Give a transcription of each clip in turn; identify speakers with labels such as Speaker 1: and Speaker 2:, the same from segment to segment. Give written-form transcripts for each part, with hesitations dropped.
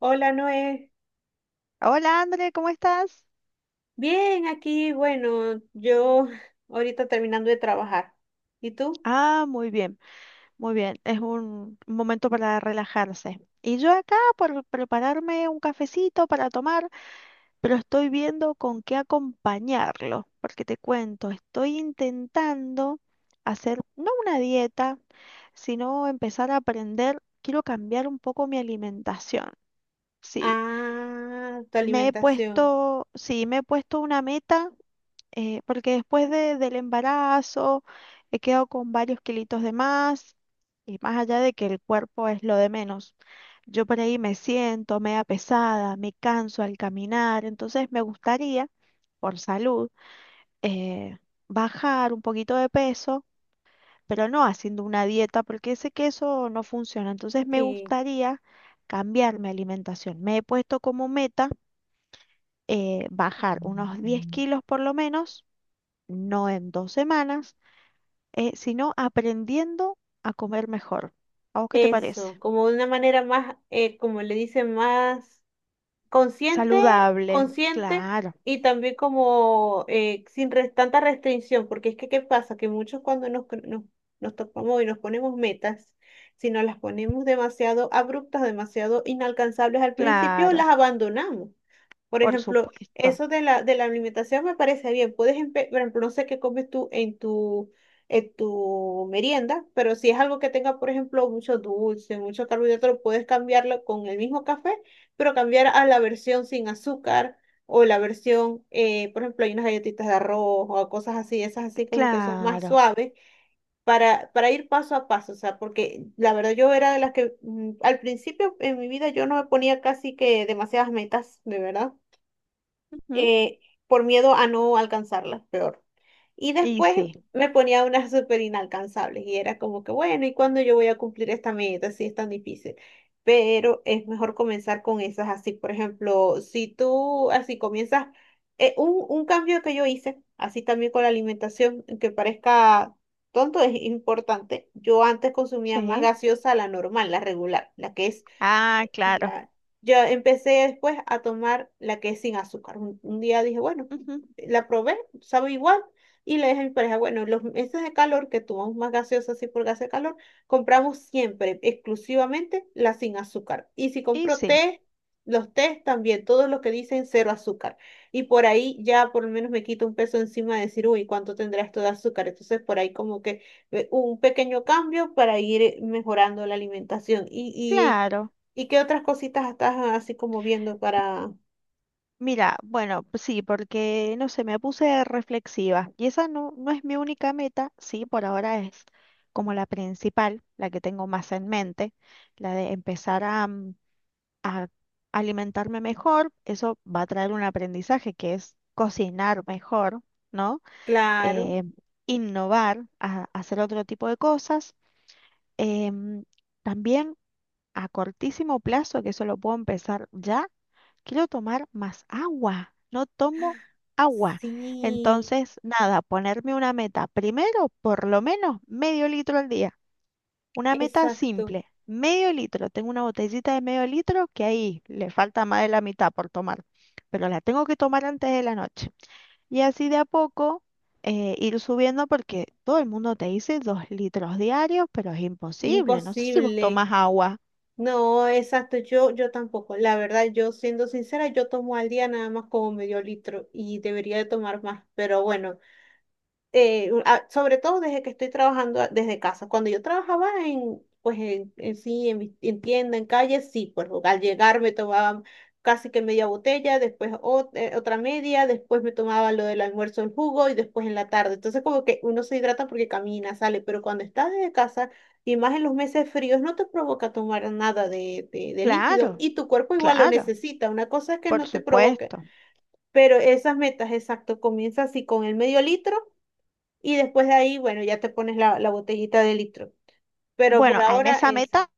Speaker 1: Hola Noé,
Speaker 2: Hola, André, ¿cómo estás?
Speaker 1: bien aquí, bueno, yo ahorita terminando de trabajar. ¿Y tú?
Speaker 2: Ah, muy bien, muy bien. Es un momento para relajarse. Y yo acá por prepararme un cafecito para tomar, pero estoy viendo con qué acompañarlo, porque te cuento, estoy intentando hacer no una dieta, sino empezar a aprender, quiero cambiar un poco mi alimentación. Sí,
Speaker 1: Ah, tu
Speaker 2: me he
Speaker 1: alimentación.
Speaker 2: puesto, sí, me he puesto una meta, porque después del embarazo he quedado con varios kilitos de más, y más allá de que el cuerpo es lo de menos. Yo por ahí me siento media pesada, me canso al caminar, entonces me gustaría, por salud, eh, bajar un poquito de peso, pero no haciendo una dieta porque sé que eso no funciona. Entonces me
Speaker 1: Sí,
Speaker 2: gustaría cambiar mi alimentación. Me he puesto como meta, bajar unos 10 kilos por lo menos, no en 2 semanas, sino aprendiendo a comer mejor. ¿A vos qué te parece?
Speaker 1: eso, como de una manera más, como le dicen, más consciente,
Speaker 2: Saludable,
Speaker 1: consciente
Speaker 2: claro,
Speaker 1: y también como sin tanta restricción, porque es que ¿qué pasa? Que muchos cuando nos topamos y nos ponemos metas, si nos las ponemos demasiado abruptas, demasiado inalcanzables al principio,
Speaker 2: claro,
Speaker 1: las abandonamos. Por
Speaker 2: por
Speaker 1: ejemplo,
Speaker 2: supuesto,
Speaker 1: eso de la alimentación me parece bien. Puedes, por ejemplo, no sé qué comes tú en tu merienda, pero si es algo que tenga, por ejemplo, mucho dulce, mucho carbohidrato, lo puedes cambiarlo con el mismo café, pero cambiar a la versión sin azúcar o la versión, por ejemplo, hay unas galletitas de arroz o cosas así, esas así como que son más
Speaker 2: claro.
Speaker 1: suaves para ir paso a paso, o sea, porque la verdad yo era de las que al principio en mi vida yo no me ponía casi que demasiadas metas, de verdad
Speaker 2: Ujú.
Speaker 1: eh, por miedo a no alcanzarlas, peor. Y
Speaker 2: Y
Speaker 1: después
Speaker 2: sí,
Speaker 1: me ponía unas súper inalcanzables y era como que, bueno, ¿y cuándo yo voy a cumplir esta meta si es tan difícil? Pero es mejor comenzar con esas así. Por ejemplo, si tú así comienzas, un cambio que yo hice, así también con la alimentación, que parezca tonto, es importante. Yo antes consumía más
Speaker 2: sí.
Speaker 1: gaseosa la normal, la regular, la que es
Speaker 2: Ah, claro.
Speaker 1: la- yo empecé después a tomar la que es sin azúcar. Un día dije, bueno,
Speaker 2: Ujú.
Speaker 1: la probé, sabe igual, y le dije a mi pareja, bueno, los meses de calor que tomamos más gaseosa así por gas de calor, compramos siempre exclusivamente la sin azúcar. Y si
Speaker 2: Y
Speaker 1: compro
Speaker 2: sí,
Speaker 1: té, los tés también, todos los que dicen cero azúcar. Y por ahí ya por lo menos me quito un peso encima de decir, uy, ¿cuánto tendrá esto de azúcar? Entonces por ahí como que un pequeño cambio para ir mejorando la alimentación. Y
Speaker 2: claro.
Speaker 1: ¿y qué otras cositas estás así como viendo para...
Speaker 2: Mira, bueno, pues sí, porque no sé, me puse reflexiva, y esa no, no es mi única meta, sí, por ahora es como la principal, la que tengo más en mente, la de empezar a alimentarme mejor. Eso va a traer un aprendizaje, que es cocinar mejor, ¿no?
Speaker 1: Claro,
Speaker 2: Eh, innovar, a- hacer otro tipo de cosas. Em, También a cortísimo plazo, que eso lo puedo empezar ya, quiero tomar más agua. No tomo agua.
Speaker 1: sí,
Speaker 2: Entonces, nada, ponerme una meta. Primero, por lo menos medio litro al día. Una meta
Speaker 1: exacto,
Speaker 2: simple, medio litro. Tengo una botellita de medio litro que ahí le falta más de la mitad por tomar, pero la tengo que tomar antes de la noche. Y así de a poco, ir subiendo, porque todo el mundo te dice 2 litros diarios, pero es imposible. No sé si vos
Speaker 1: imposible.
Speaker 2: tomas agua.
Speaker 1: No, exacto, yo tampoco. La verdad, yo siendo sincera, yo tomo al día nada más como medio litro y debería de tomar más, pero bueno, sobre todo desde que estoy trabajando desde casa. Cuando yo trabajaba en, pues en sí, en, en tienda, en calle, sí, pues al llegar me tomaba casi que media botella, después otra media, después me tomaba lo del almuerzo, el jugo y después en la tarde. Entonces como que uno se hidrata porque camina, sale, pero cuando estás desde casa y más en los meses fríos no te provoca tomar nada de, de líquido
Speaker 2: Claro,
Speaker 1: y tu cuerpo igual lo
Speaker 2: claro,
Speaker 1: necesita. Una cosa es que
Speaker 2: por
Speaker 1: no te provoque,
Speaker 2: supuesto.
Speaker 1: pero esas metas, exacto, comienza así con el medio litro. Y después de ahí, bueno, ya te pones la botellita de litro. Pero por
Speaker 2: Bueno,
Speaker 1: ahora esa.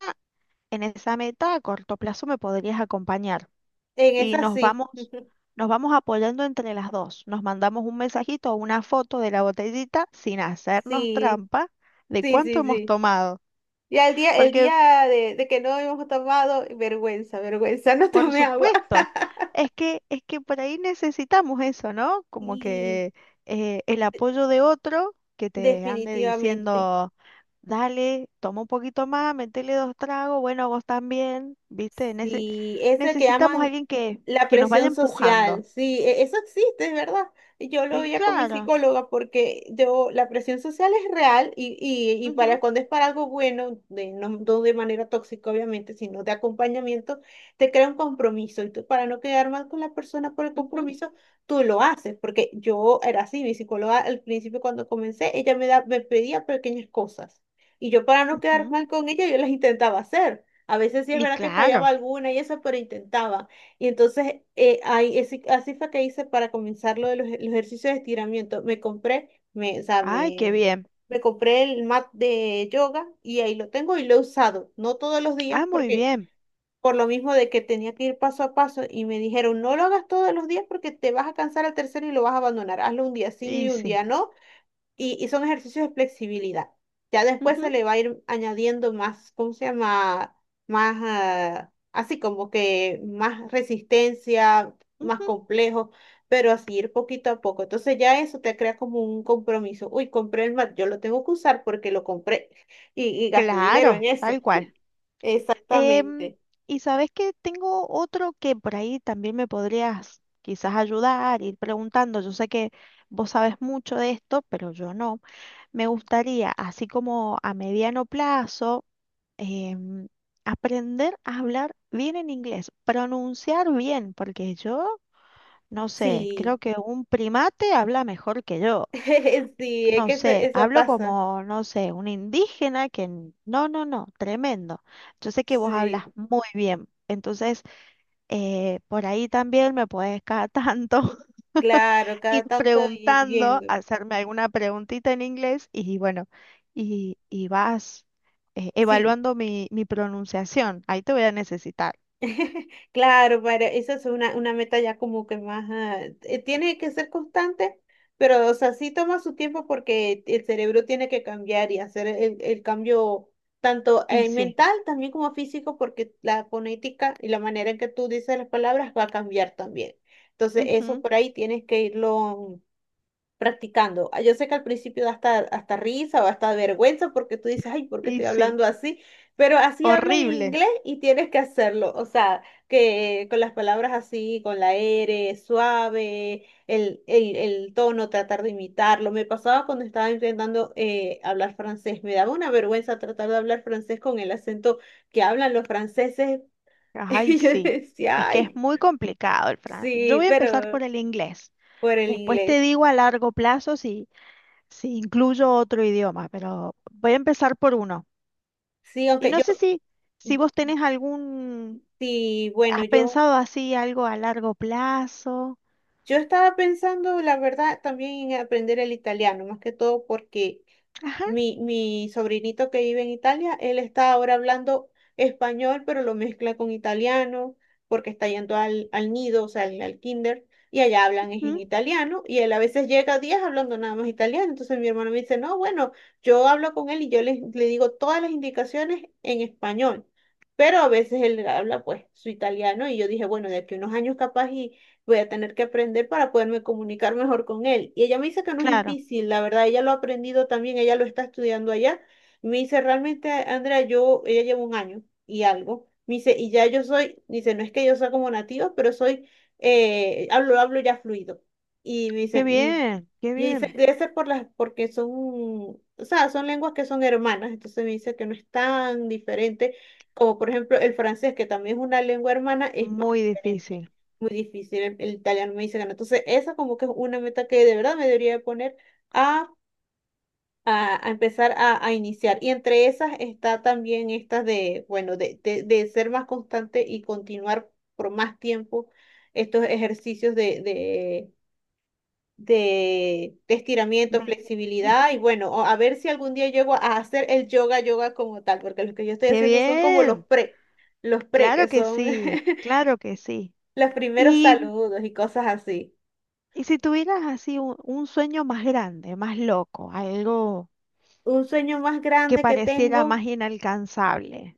Speaker 2: en esa meta a corto plazo me podrías acompañar,
Speaker 1: En
Speaker 2: y
Speaker 1: esa sí.
Speaker 2: nos vamos apoyando entre las dos. Nos mandamos un mensajito o una foto de la botellita, sin hacernos
Speaker 1: Sí,
Speaker 2: trampa, de
Speaker 1: sí,
Speaker 2: cuánto
Speaker 1: sí,
Speaker 2: hemos
Speaker 1: sí.
Speaker 2: tomado.
Speaker 1: Ya el
Speaker 2: Porque,
Speaker 1: día de que no habíamos tomado, vergüenza, vergüenza, no
Speaker 2: por
Speaker 1: tomé agua.
Speaker 2: supuesto, es que por ahí necesitamos eso, ¿no? Como
Speaker 1: Y
Speaker 2: que, el apoyo de otro, que te ande
Speaker 1: definitivamente.
Speaker 2: diciendo, dale, toma un poquito más, metele dos tragos, bueno, vos también, ¿viste? Nece-
Speaker 1: Sí, ese que
Speaker 2: necesitamos a
Speaker 1: llaman
Speaker 2: alguien que,
Speaker 1: la
Speaker 2: que nos vaya
Speaker 1: presión
Speaker 2: empujando.
Speaker 1: social, sí, eso existe, es verdad. Yo lo
Speaker 2: Y
Speaker 1: veía con mi
Speaker 2: claro.
Speaker 1: psicóloga porque yo, la presión social es real y para
Speaker 2: Ujú,
Speaker 1: cuando es para algo bueno, de, no, no de manera tóxica obviamente, sino de acompañamiento, te crea un compromiso y tú para no quedar mal con la persona por el
Speaker 2: ujú.
Speaker 1: compromiso, tú lo haces, porque yo era así, mi psicóloga al principio cuando comencé, me pedía pequeñas cosas y yo para no quedar
Speaker 2: Ujú.
Speaker 1: mal con ella, yo las intentaba hacer. A veces sí es
Speaker 2: Y
Speaker 1: verdad que fallaba
Speaker 2: claro.
Speaker 1: alguna y eso, pero intentaba. Y entonces, así fue que hice para comenzar lo de los, los ejercicios de estiramiento. Me compré, me, o sea,
Speaker 2: Ay, qué
Speaker 1: me,
Speaker 2: bien.
Speaker 1: me compré el mat de yoga y ahí lo tengo y lo he usado. No todos los días
Speaker 2: Ah, muy
Speaker 1: porque
Speaker 2: bien.
Speaker 1: por lo mismo de que tenía que ir paso a paso y me dijeron, no lo hagas todos los días porque te vas a cansar al tercero y lo vas a abandonar. Hazlo un día
Speaker 2: Y
Speaker 1: sí, un
Speaker 2: sí.
Speaker 1: día no y son ejercicios de flexibilidad. Ya después se
Speaker 2: Ujú,
Speaker 1: le va a ir añadiendo más, ¿cómo se llama? Más, ah, así como que más resistencia, más
Speaker 2: ujú.
Speaker 1: complejo, pero así ir poquito a poco. Entonces ya eso te crea como un compromiso. Uy, compré el mat, yo lo tengo que usar porque lo compré y gasté dinero en
Speaker 2: Claro,
Speaker 1: eso.
Speaker 2: tal cual. Em,
Speaker 1: Exactamente.
Speaker 2: y sabes que tengo otro que por ahí también me podrías quizás ayudar, ir preguntando. Yo sé que vos sabes mucho de esto, pero yo no. Me gustaría, así como a mediano plazo, em, aprender a hablar bien en inglés, pronunciar bien, porque yo, no sé,
Speaker 1: Sí,
Speaker 2: creo que un primate habla mejor que yo.
Speaker 1: sí, es
Speaker 2: No
Speaker 1: que eso,
Speaker 2: sé,
Speaker 1: eso
Speaker 2: hablo
Speaker 1: pasa.
Speaker 2: como, no sé, un indígena que... No, no, no, tremendo. Yo sé que vos hablas
Speaker 1: Sí,
Speaker 2: muy bien. Entonces, por ahí también me podés cada tanto
Speaker 1: claro,
Speaker 2: ir
Speaker 1: cada tanto ir
Speaker 2: preguntando,
Speaker 1: viendo.
Speaker 2: hacerme alguna preguntita en inglés, y bueno, y vas
Speaker 1: Sí.
Speaker 2: evaluando mi, mi pronunciación. Ahí te voy a necesitar.
Speaker 1: Claro, para, esa es una meta ya como que más, ah, tiene que ser constante, pero o sea, sí toma su tiempo porque el cerebro tiene que cambiar y hacer el cambio tanto
Speaker 2: Y sí,
Speaker 1: mental también como físico porque la fonética y la manera en que tú dices las palabras va a cambiar también. Entonces, eso
Speaker 2: ujú,
Speaker 1: por ahí tienes que irlo practicando. Ah, yo sé que al principio da hasta, hasta risa o hasta vergüenza porque tú dices, ay, ¿por qué
Speaker 2: y
Speaker 1: estoy
Speaker 2: sí,
Speaker 1: hablando así? Pero así hablas en
Speaker 2: horrible.
Speaker 1: inglés y tienes que hacerlo. O sea, que con las palabras así, con la R, suave, el tono, tratar de imitarlo. Me pasaba cuando estaba intentando hablar francés. Me daba una vergüenza tratar de hablar francés con el acento que hablan los franceses.
Speaker 2: Ay,
Speaker 1: Y yo
Speaker 2: sí, es
Speaker 1: decía,
Speaker 2: que es
Speaker 1: ay,
Speaker 2: muy complicado el francés. Yo
Speaker 1: sí,
Speaker 2: voy a empezar por
Speaker 1: pero
Speaker 2: el inglés.
Speaker 1: por el
Speaker 2: Después
Speaker 1: inglés.
Speaker 2: te digo a largo plazo si incluyo otro idioma, pero voy a empezar por uno.
Speaker 1: Sí,
Speaker 2: Y no sé si vos tenés algún,
Speaker 1: sí,
Speaker 2: has pensado así algo a largo plazo.
Speaker 1: yo estaba pensando, la verdad, también en aprender el italiano, más que todo porque
Speaker 2: Ajá,
Speaker 1: mi sobrinito que vive en Italia, él está ahora hablando español, pero lo mezcla con italiano, porque está yendo al nido, o sea, al kinder, y allá hablan es en
Speaker 2: mm,
Speaker 1: italiano, y él a veces llega días hablando nada más italiano, entonces mi hermano me dice, no, bueno, yo hablo con él y yo le digo todas las indicaciones en español. Pero a veces él habla pues su italiano y yo dije, bueno, de aquí a unos años capaz voy a tener que aprender para poderme comunicar mejor con él. Y ella me dice que no es
Speaker 2: claro.
Speaker 1: difícil, la verdad, ella lo ha aprendido también, ella lo está estudiando allá. Y me dice, realmente, Andrea, yo, ella lleva un año y algo. Me dice, y ya yo soy, dice, no es que yo sea como nativo pero soy, hablo ya fluido. Y me
Speaker 2: Qué
Speaker 1: dice, "Mm".
Speaker 2: bien, qué
Speaker 1: Y dice,
Speaker 2: bien.
Speaker 1: debe ser por las, porque son, o sea, son lenguas que son hermanas, entonces me dice que no es tan diferente como por ejemplo el francés, que también es una lengua hermana, es más
Speaker 2: Muy
Speaker 1: diferente
Speaker 2: difícil.
Speaker 1: muy difícil el italiano, me dice ganar. Entonces, esa como que es una meta que de verdad me debería de poner a, a empezar a iniciar. Y entre esas está también esta de, bueno, de ser más constante y continuar por más tiempo estos ejercicios de, de estiramiento,
Speaker 2: Ve- ujú.
Speaker 1: flexibilidad y bueno, o a ver si algún día llego a hacer el yoga, yoga como tal, porque los que yo estoy
Speaker 2: Qué
Speaker 1: haciendo son como
Speaker 2: bien.
Speaker 1: los pre,
Speaker 2: Claro
Speaker 1: que
Speaker 2: que
Speaker 1: son
Speaker 2: sí, claro que sí.
Speaker 1: los primeros
Speaker 2: Y,
Speaker 1: saludos y cosas así.
Speaker 2: y si tuvieras así un sueño más grande, más loco, algo
Speaker 1: Un sueño más
Speaker 2: que
Speaker 1: grande que
Speaker 2: pareciera
Speaker 1: tengo,
Speaker 2: más inalcanzable.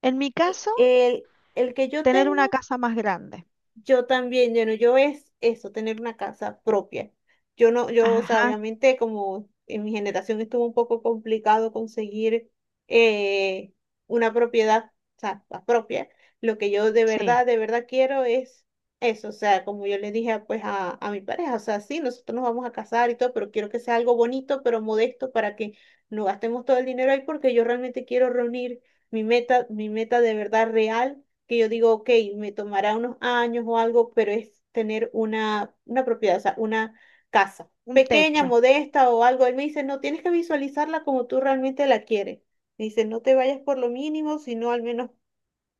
Speaker 2: En mi
Speaker 1: sí,
Speaker 2: caso...
Speaker 1: el que yo
Speaker 2: Tener una
Speaker 1: tengo
Speaker 2: casa más grande.
Speaker 1: yo también, yo no, yo es eso, tener una casa propia. Yo no, yo, o sea,
Speaker 2: Ajá,
Speaker 1: obviamente como en mi generación estuvo un poco complicado conseguir eh, una propiedad, o sea, la propia. Lo que yo
Speaker 2: sí,
Speaker 1: de verdad quiero es eso, o sea, como yo le dije a, pues a mi pareja, o sea, sí, nosotros nos vamos a casar y todo, pero quiero que sea algo bonito, pero modesto para que no gastemos todo el dinero ahí porque yo realmente quiero reunir mi meta de verdad real que yo digo, ok, me tomará unos años o algo, pero es tener una propiedad, o sea, una casa
Speaker 2: un
Speaker 1: pequeña,
Speaker 2: techo.
Speaker 1: modesta o algo. Él me dice, no, tienes que visualizarla como tú realmente la quieres. Me dice, no te vayas por lo mínimo, sino al menos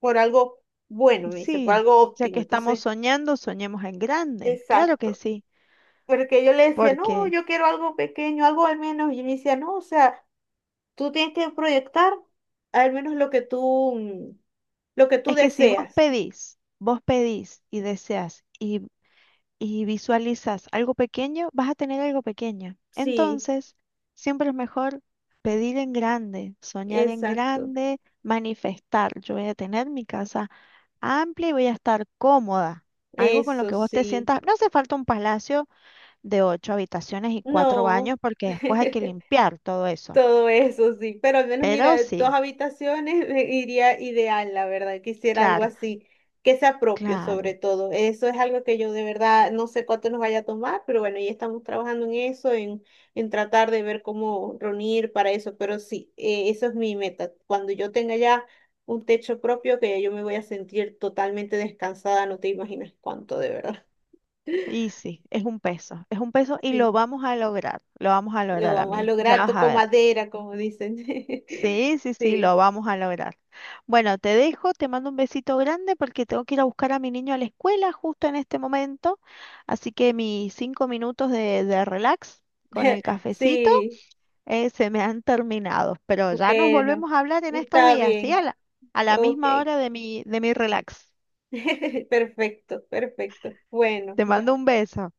Speaker 1: por algo bueno,
Speaker 2: Y
Speaker 1: me dice, por
Speaker 2: sí,
Speaker 1: algo
Speaker 2: ya que
Speaker 1: óptimo.
Speaker 2: estamos
Speaker 1: Entonces,
Speaker 2: soñando, soñemos en grande. Claro que
Speaker 1: exacto.
Speaker 2: sí,
Speaker 1: Porque yo le decía, no,
Speaker 2: porque
Speaker 1: yo quiero algo pequeño, algo al menos. Y él me decía, no, o sea, tú tienes que proyectar al menos lo que tú, lo que tú
Speaker 2: es que si vos
Speaker 1: deseas.
Speaker 2: pedís, vos pedís y deseas y visualizas algo pequeño, vas a tener algo pequeño.
Speaker 1: Sí,
Speaker 2: Entonces, siempre es mejor pedir en grande, soñar en
Speaker 1: exacto.
Speaker 2: grande, manifestar. Yo voy a tener mi casa amplia y voy a estar cómoda. Algo con lo
Speaker 1: Eso
Speaker 2: que vos te
Speaker 1: sí,
Speaker 2: sientas. No hace falta un palacio de ocho habitaciones y cuatro
Speaker 1: no,
Speaker 2: baños, porque después hay que limpiar todo eso.
Speaker 1: todo eso sí, pero al menos mira,
Speaker 2: Pero
Speaker 1: dos
Speaker 2: sí,
Speaker 1: habitaciones me iría ideal, la verdad, quisiera algo
Speaker 2: claro,
Speaker 1: así, que sea propio sobre
Speaker 2: claro.
Speaker 1: todo, eso es algo que yo de verdad no sé cuánto nos vaya a tomar, pero bueno, ya estamos trabajando en eso, en tratar de ver cómo reunir para eso, pero sí, eso es mi meta, cuando yo tenga ya un techo propio, que ya yo me voy a sentir totalmente descansada, no te imaginas cuánto, de verdad.
Speaker 2: Y sí, es un peso, es un peso, y lo
Speaker 1: Sí.
Speaker 2: vamos a lograr, lo vamos a
Speaker 1: Lo
Speaker 2: lograr,
Speaker 1: vamos a
Speaker 2: amiga. Ya
Speaker 1: lograr,
Speaker 2: vas a
Speaker 1: toco
Speaker 2: ver.
Speaker 1: madera, como dicen.
Speaker 2: Sí, sí, sí,
Speaker 1: Sí,
Speaker 2: lo vamos a lograr. Bueno, te dejo, te mando un besito grande porque tengo que ir a buscar a mi niño a la escuela justo en este momento. Así que mis 5 minutos de relax con el cafecito,
Speaker 1: sí,
Speaker 2: eh, se me han terminado, pero ya nos
Speaker 1: bueno,
Speaker 2: volvemos a hablar en estos
Speaker 1: está
Speaker 2: días, ¿sí?
Speaker 1: bien,
Speaker 2: A la
Speaker 1: ok.
Speaker 2: misma hora de mi relax.
Speaker 1: Perfecto, perfecto. Bueno.
Speaker 2: Te mando un beso.